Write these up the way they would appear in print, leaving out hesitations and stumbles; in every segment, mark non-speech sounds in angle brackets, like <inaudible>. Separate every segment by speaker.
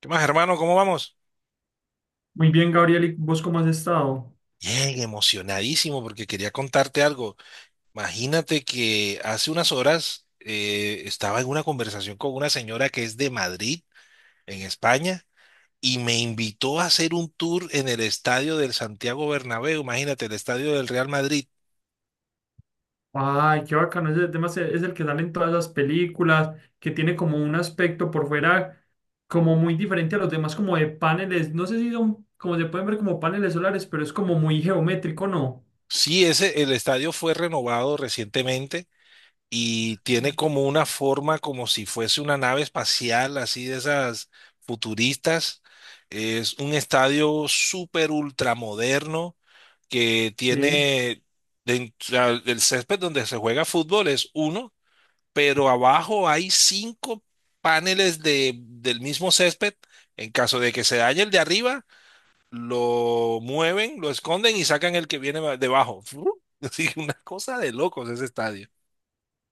Speaker 1: ¿Qué más, hermano? ¿Cómo vamos?
Speaker 2: Muy bien, Gabriel, ¿y vos cómo has estado?
Speaker 1: Bien, emocionadísimo porque quería contarte algo. Imagínate que hace unas horas estaba en una conversación con una señora que es de Madrid, en España, y me invitó a hacer un tour en el estadio del Santiago Bernabéu. Imagínate, el estadio del Real Madrid.
Speaker 2: Ay, qué bacano, es el que sale en todas las películas, que tiene como un aspecto por fuera como muy diferente a los demás, como de paneles, no sé si son, como se pueden ver como paneles solares, pero es como muy geométrico, ¿no?
Speaker 1: Sí, ese, el estadio fue renovado recientemente y
Speaker 2: Sí.
Speaker 1: tiene como una forma como si fuese una nave espacial, así de esas futuristas. Es un estadio súper ultramoderno que
Speaker 2: Sí,
Speaker 1: tiene o sea, el césped donde se juega fútbol es uno, pero abajo hay cinco paneles del mismo césped. En caso de que se dañe el de arriba, lo mueven, lo esconden y sacan el que viene debajo. <laughs> Así que una cosa de locos ese estadio.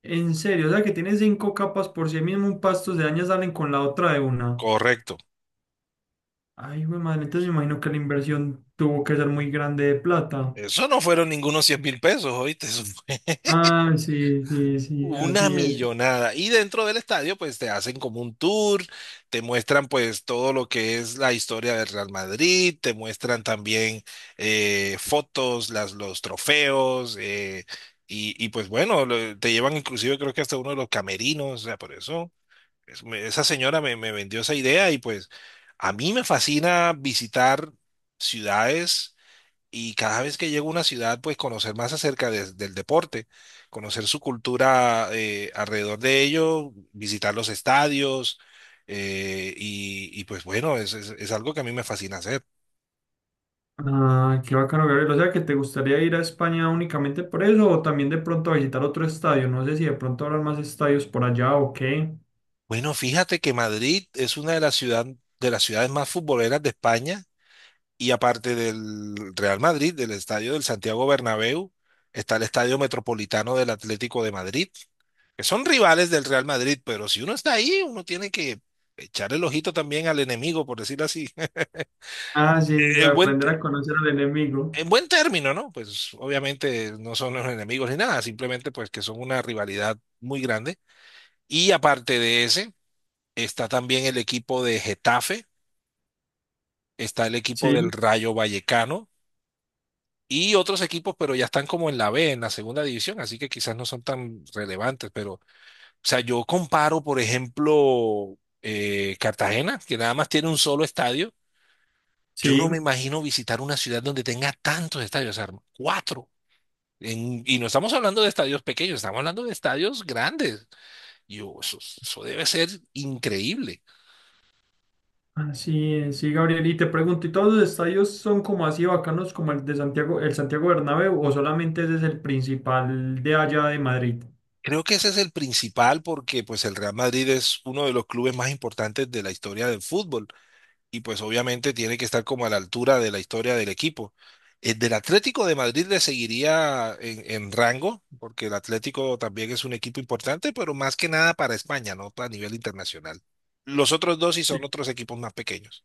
Speaker 2: en serio, o sea que tiene 5 capas por sí mismo, un pasto de daña salen con la otra de una.
Speaker 1: Correcto.
Speaker 2: Ay, güey, madre, entonces me imagino que la inversión tuvo que ser muy grande de plata.
Speaker 1: Eso no fueron ningunos 100.000 pesos, ¿oíste? Eso fue
Speaker 2: Ah, sí, sí, sí,
Speaker 1: una
Speaker 2: así es.
Speaker 1: millonada. Y dentro del estadio, pues te hacen como un tour, te muestran pues todo lo que es la historia del Real Madrid, te muestran también fotos, los trofeos, pues bueno, te llevan inclusive creo que hasta uno de los camerinos, o sea, por eso esa señora me vendió esa idea y pues a mí me fascina visitar ciudades y cada vez que llego a una ciudad, pues conocer más acerca del deporte, conocer su cultura alrededor de ello, visitar los estadios, pues bueno, es algo que a mí me fascina hacer.
Speaker 2: Ah, qué bacano, Gabriel. O sea, que te gustaría ir a España únicamente por eso o también de pronto a visitar otro estadio. No sé si de pronto habrán más estadios por allá o qué.
Speaker 1: Bueno, fíjate que Madrid es una de las de las ciudades más futboleras de España, y aparte del Real Madrid, del estadio del Santiago Bernabéu, está el Estadio Metropolitano del Atlético de Madrid que son rivales del Real Madrid, pero si uno está ahí, uno tiene que echar el ojito también al enemigo, por decirlo así. <laughs>
Speaker 2: Ah,
Speaker 1: Eh,
Speaker 2: sí, sí, ya
Speaker 1: En buen,
Speaker 2: aprender
Speaker 1: te-
Speaker 2: a conocer al enemigo.
Speaker 1: en buen término, ¿no? Pues obviamente no son los enemigos ni nada, simplemente pues que son una rivalidad muy grande. Y aparte de ese, está también el equipo de Getafe, está el equipo
Speaker 2: Sí,
Speaker 1: del Rayo Vallecano y otros equipos, pero ya están como en la B, en la segunda división, así que quizás no son tan relevantes, pero o sea, yo comparo, por ejemplo, Cartagena, que nada más tiene un solo estadio. Yo no me
Speaker 2: sí.
Speaker 1: imagino visitar una ciudad donde tenga tantos estadios, o sea, cuatro. Y no estamos hablando de estadios pequeños, estamos hablando de estadios grandes. Y eso debe ser increíble.
Speaker 2: Así es, sí, Gabriel. Y te pregunto, ¿y todos los estadios son como así bacanos como el de Santiago, el Santiago Bernabéu o solamente ese es el principal de allá de Madrid?
Speaker 1: Creo que ese es el principal porque pues el Real Madrid es uno de los clubes más importantes de la historia del fútbol. Y pues obviamente tiene que estar como a la altura de la historia del equipo. El del Atlético de Madrid le seguiría en rango, porque el Atlético también es un equipo importante, pero más que nada para España, no a nivel internacional. Los otros dos sí
Speaker 2: Sí.
Speaker 1: son otros equipos más pequeños.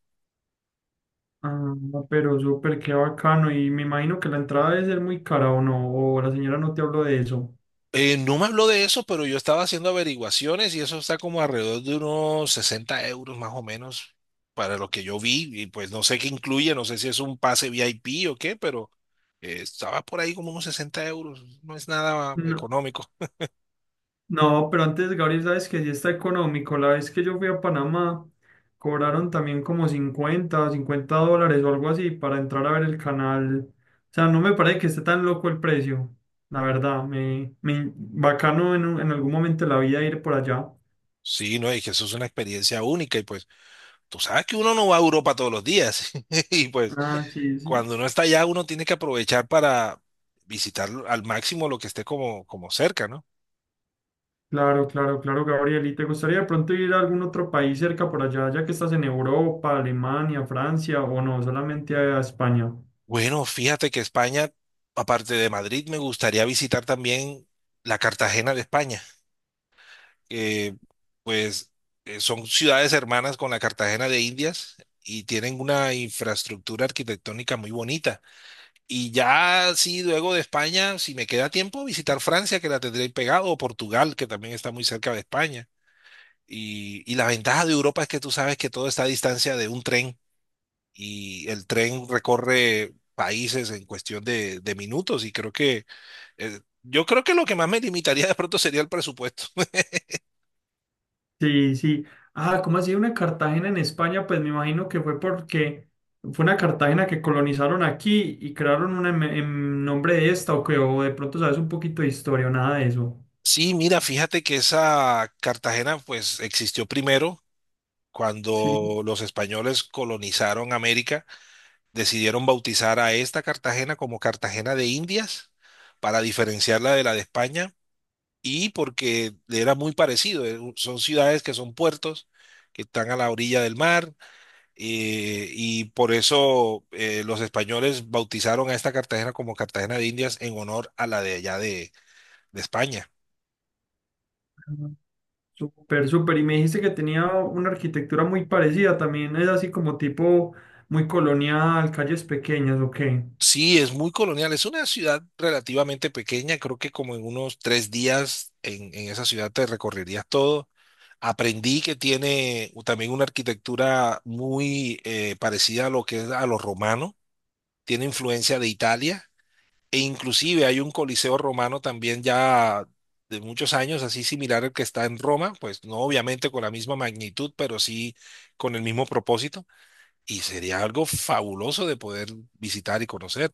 Speaker 2: Ah, pero súper, qué bacano. Y me imagino que la entrada debe ser muy cara o no, o la señora no te habló de eso.
Speaker 1: No me habló de eso, pero yo estaba haciendo averiguaciones y eso está como alrededor de unos 60 euros más o menos para lo que yo vi. Y pues no sé qué incluye, no sé si es un pase VIP o qué, pero estaba por ahí como unos 60 euros. No es nada
Speaker 2: No.
Speaker 1: económico.
Speaker 2: No, pero antes, Gabriel, sabes que sí está económico. La vez que yo fui a Panamá, cobraron también como 50, $50 o algo así para entrar a ver el canal. O sea, no me parece que esté tan loco el precio. La verdad, me bacano en algún momento de la vida ir por allá.
Speaker 1: Sí, no, y que eso es una experiencia única. Y pues tú sabes que uno no va a Europa todos los días. <laughs> Y pues
Speaker 2: Ah, sí, sí.
Speaker 1: cuando uno está allá, uno tiene que aprovechar para visitar al máximo lo que esté como, como cerca, ¿no?
Speaker 2: Claro, claro, claro, Gabriel. ¿Y te gustaría de pronto ir a algún otro país cerca por allá, ya que estás en Europa, Alemania, Francia o no, solamente a España?
Speaker 1: Bueno, fíjate que España, aparte de Madrid, me gustaría visitar también la Cartagena de España, que pues son ciudades hermanas con la Cartagena de Indias y tienen una infraestructura arquitectónica muy bonita. Y ya sí, luego de España, si me queda tiempo, visitar Francia, que la tendré ahí pegado, o Portugal, que también está muy cerca de España. Y la ventaja de Europa es que tú sabes que todo está a distancia de un tren y el tren recorre países en cuestión de minutos y creo que yo creo que lo que más me limitaría de pronto sería el presupuesto. <laughs>
Speaker 2: Sí, sí. Ah, ¿cómo así una Cartagena en España? Pues me imagino que fue porque fue una Cartagena que colonizaron aquí y crearon una en nombre de esta o que o de pronto sabes un poquito de historia o nada de eso.
Speaker 1: Sí, mira, fíjate que esa Cartagena pues existió primero.
Speaker 2: Sí,
Speaker 1: Cuando los españoles colonizaron América, decidieron bautizar a esta Cartagena como Cartagena de Indias para diferenciarla de la de España y porque era muy parecido. Son ciudades que son puertos, que están a la orilla del mar y por eso los españoles bautizaron a esta Cartagena como Cartagena de Indias en honor a la de allá de España.
Speaker 2: ah, súper, súper. Y me dijiste que tenía una arquitectura muy parecida, también es así como tipo muy colonial, calles pequeñas, ¿o qué?
Speaker 1: Sí, es muy colonial, es una ciudad relativamente pequeña, creo que como en unos tres días en esa ciudad te recorrerías todo. Aprendí que tiene también una arquitectura muy parecida a lo que es a lo romano, tiene influencia de Italia. E inclusive hay un coliseo romano también ya de muchos años, así similar al que está en Roma, pues no obviamente con la misma magnitud, pero sí con el mismo propósito. Y sería algo fabuloso de poder visitar y conocer.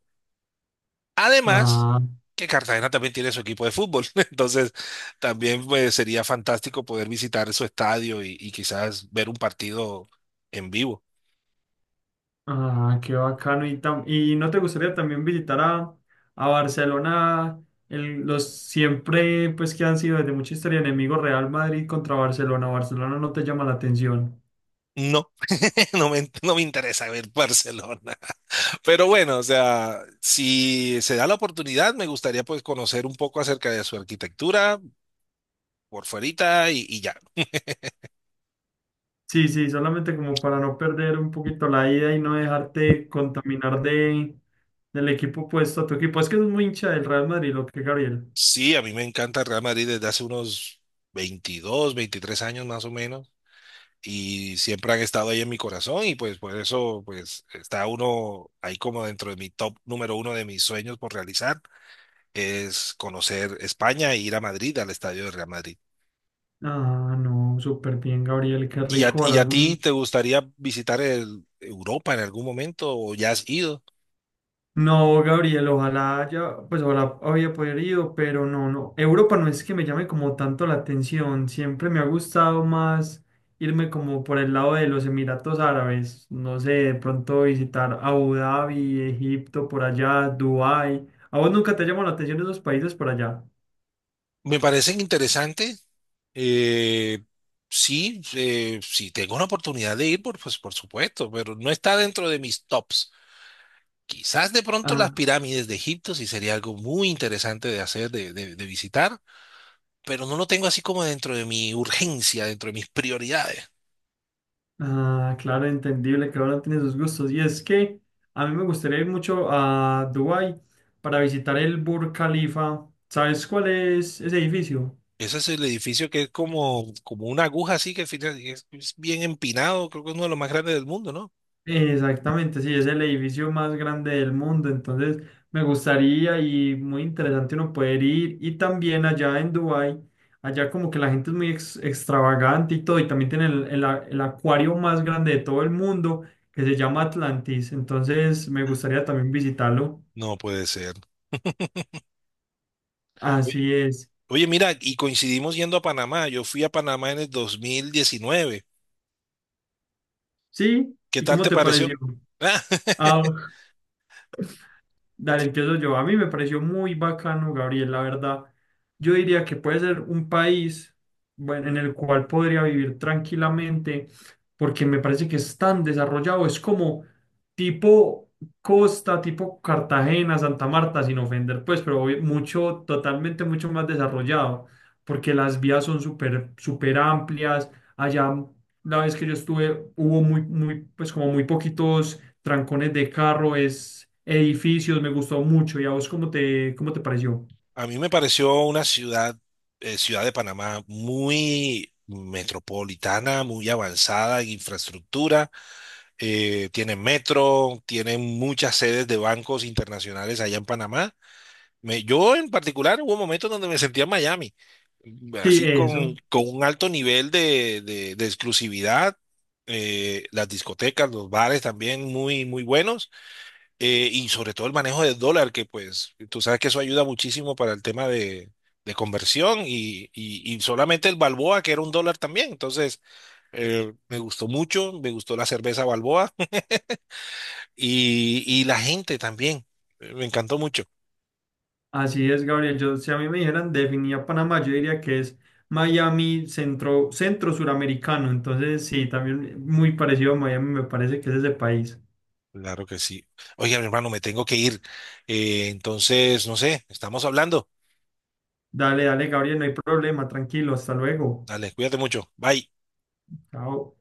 Speaker 1: Además,
Speaker 2: Ah.
Speaker 1: que Cartagena también tiene su equipo de fútbol, <laughs> entonces también pues, sería fantástico poder visitar su estadio y quizás ver un partido en vivo.
Speaker 2: Ah, qué bacano. ¿ Y no te gustaría también visitar a Barcelona, los siempre, pues que han sido desde mucha historia enemigos Real Madrid contra Barcelona? Barcelona no te llama la atención.
Speaker 1: No, <laughs> no me interesa ver Barcelona. Pero bueno, o sea, si se da la oportunidad, me gustaría pues conocer un poco acerca de su arquitectura por fuerita y ya.
Speaker 2: Sí, sí, solamente como para no perder un poquito la ida y no dejarte contaminar de, del equipo opuesto a tu equipo. Es que es muy hincha del Real Madrid, lo que Gabriel.
Speaker 1: Sí, a mí me encanta el Real Madrid desde hace unos 22, 23 años más o menos y siempre han estado ahí en mi corazón y pues por eso pues está uno ahí como dentro de mi top número uno de mis sueños por realizar es conocer España e ir a Madrid, al estadio del Real Madrid.
Speaker 2: Ah, no, súper bien, Gabriel, qué
Speaker 1: ¿Y a,
Speaker 2: rico.
Speaker 1: y
Speaker 2: Ojalá
Speaker 1: a ti
Speaker 2: algún.
Speaker 1: te gustaría visitar Europa en algún momento o ya has ido?
Speaker 2: No, Gabriel, ojalá haya, pues ojalá había podido, pero no, no. Europa no es que me llame como tanto la atención. Siempre me ha gustado más irme como por el lado de los Emiratos Árabes. No sé, de pronto visitar Abu Dhabi, Egipto, por allá, Dubái. ¿A vos nunca te llamó la atención esos países por allá?
Speaker 1: Me parecen interesantes. Eh, sí, si tengo una oportunidad de ir, pues por supuesto, pero no está dentro de mis tops. Quizás de pronto las
Speaker 2: Ah,
Speaker 1: pirámides de Egipto sí sería algo muy interesante de hacer, de visitar, pero no lo tengo así como dentro de mi urgencia, dentro de mis prioridades.
Speaker 2: ah, claro, entendible, que ahora tiene sus gustos. Y es que a mí me gustaría ir mucho a Dubái para visitar el Burj Khalifa. ¿Sabes cuál es ese edificio?
Speaker 1: Ese es el edificio que es como, como una aguja así que al final es bien empinado, creo que es uno de los más grandes del mundo, ¿no?
Speaker 2: Exactamente, sí, es el edificio más grande del mundo, entonces me gustaría y muy interesante uno poder ir y también allá en Dubái, allá como que la gente es muy extravagante y todo, y también tienen el, el acuario más grande de todo el mundo que se llama Atlantis, entonces me gustaría también visitarlo,
Speaker 1: No puede ser.
Speaker 2: así es,
Speaker 1: Oye, mira, y coincidimos yendo a Panamá. Yo fui a Panamá en el 2019.
Speaker 2: sí,
Speaker 1: ¿Qué
Speaker 2: ¿y
Speaker 1: tal
Speaker 2: cómo
Speaker 1: te
Speaker 2: te
Speaker 1: pareció?
Speaker 2: pareció?
Speaker 1: Ah, <laughs>
Speaker 2: Ah, ok. Dale, empiezo yo. A mí me pareció muy bacano, Gabriel, la verdad. Yo diría que puede ser un país, bueno, en el cual podría vivir tranquilamente, porque me parece que es tan desarrollado. Es como tipo Costa, tipo Cartagena, Santa Marta, sin ofender, pues, pero mucho, totalmente mucho más desarrollado, porque las vías son súper, súper amplias. Allá, la vez que yo estuve, hubo muy, muy, pues, como muy poquitos trancones de carro, es edificios, me gustó mucho. ¿Y a vos cómo te pareció?
Speaker 1: a mí me pareció una ciudad, ciudad de Panamá muy metropolitana, muy avanzada en infraestructura. Tiene metro, tiene muchas sedes de bancos internacionales allá en Panamá. Yo en particular hubo momentos donde me sentía en Miami,
Speaker 2: Sí,
Speaker 1: así
Speaker 2: eso.
Speaker 1: con un alto nivel de, de exclusividad, las discotecas, los bares también muy, muy buenos, y sobre todo el manejo del dólar, que pues tú sabes que eso ayuda muchísimo para el tema de conversión y solamente el Balboa, que era un dólar también. Entonces, me gustó mucho, me gustó la cerveza Balboa <laughs> y la gente también, me encantó mucho.
Speaker 2: Así es, Gabriel. Yo, si a mí me dijeran definía Panamá, yo diría que es Miami centro, centro suramericano. Entonces, sí, también muy parecido a Miami, me parece que es ese país.
Speaker 1: Claro que sí. Oye, mi hermano, me tengo que ir. Entonces, no sé, estamos hablando.
Speaker 2: Dale, dale, Gabriel, no hay problema, tranquilo, hasta luego.
Speaker 1: Dale, cuídate mucho. Bye.
Speaker 2: Chao.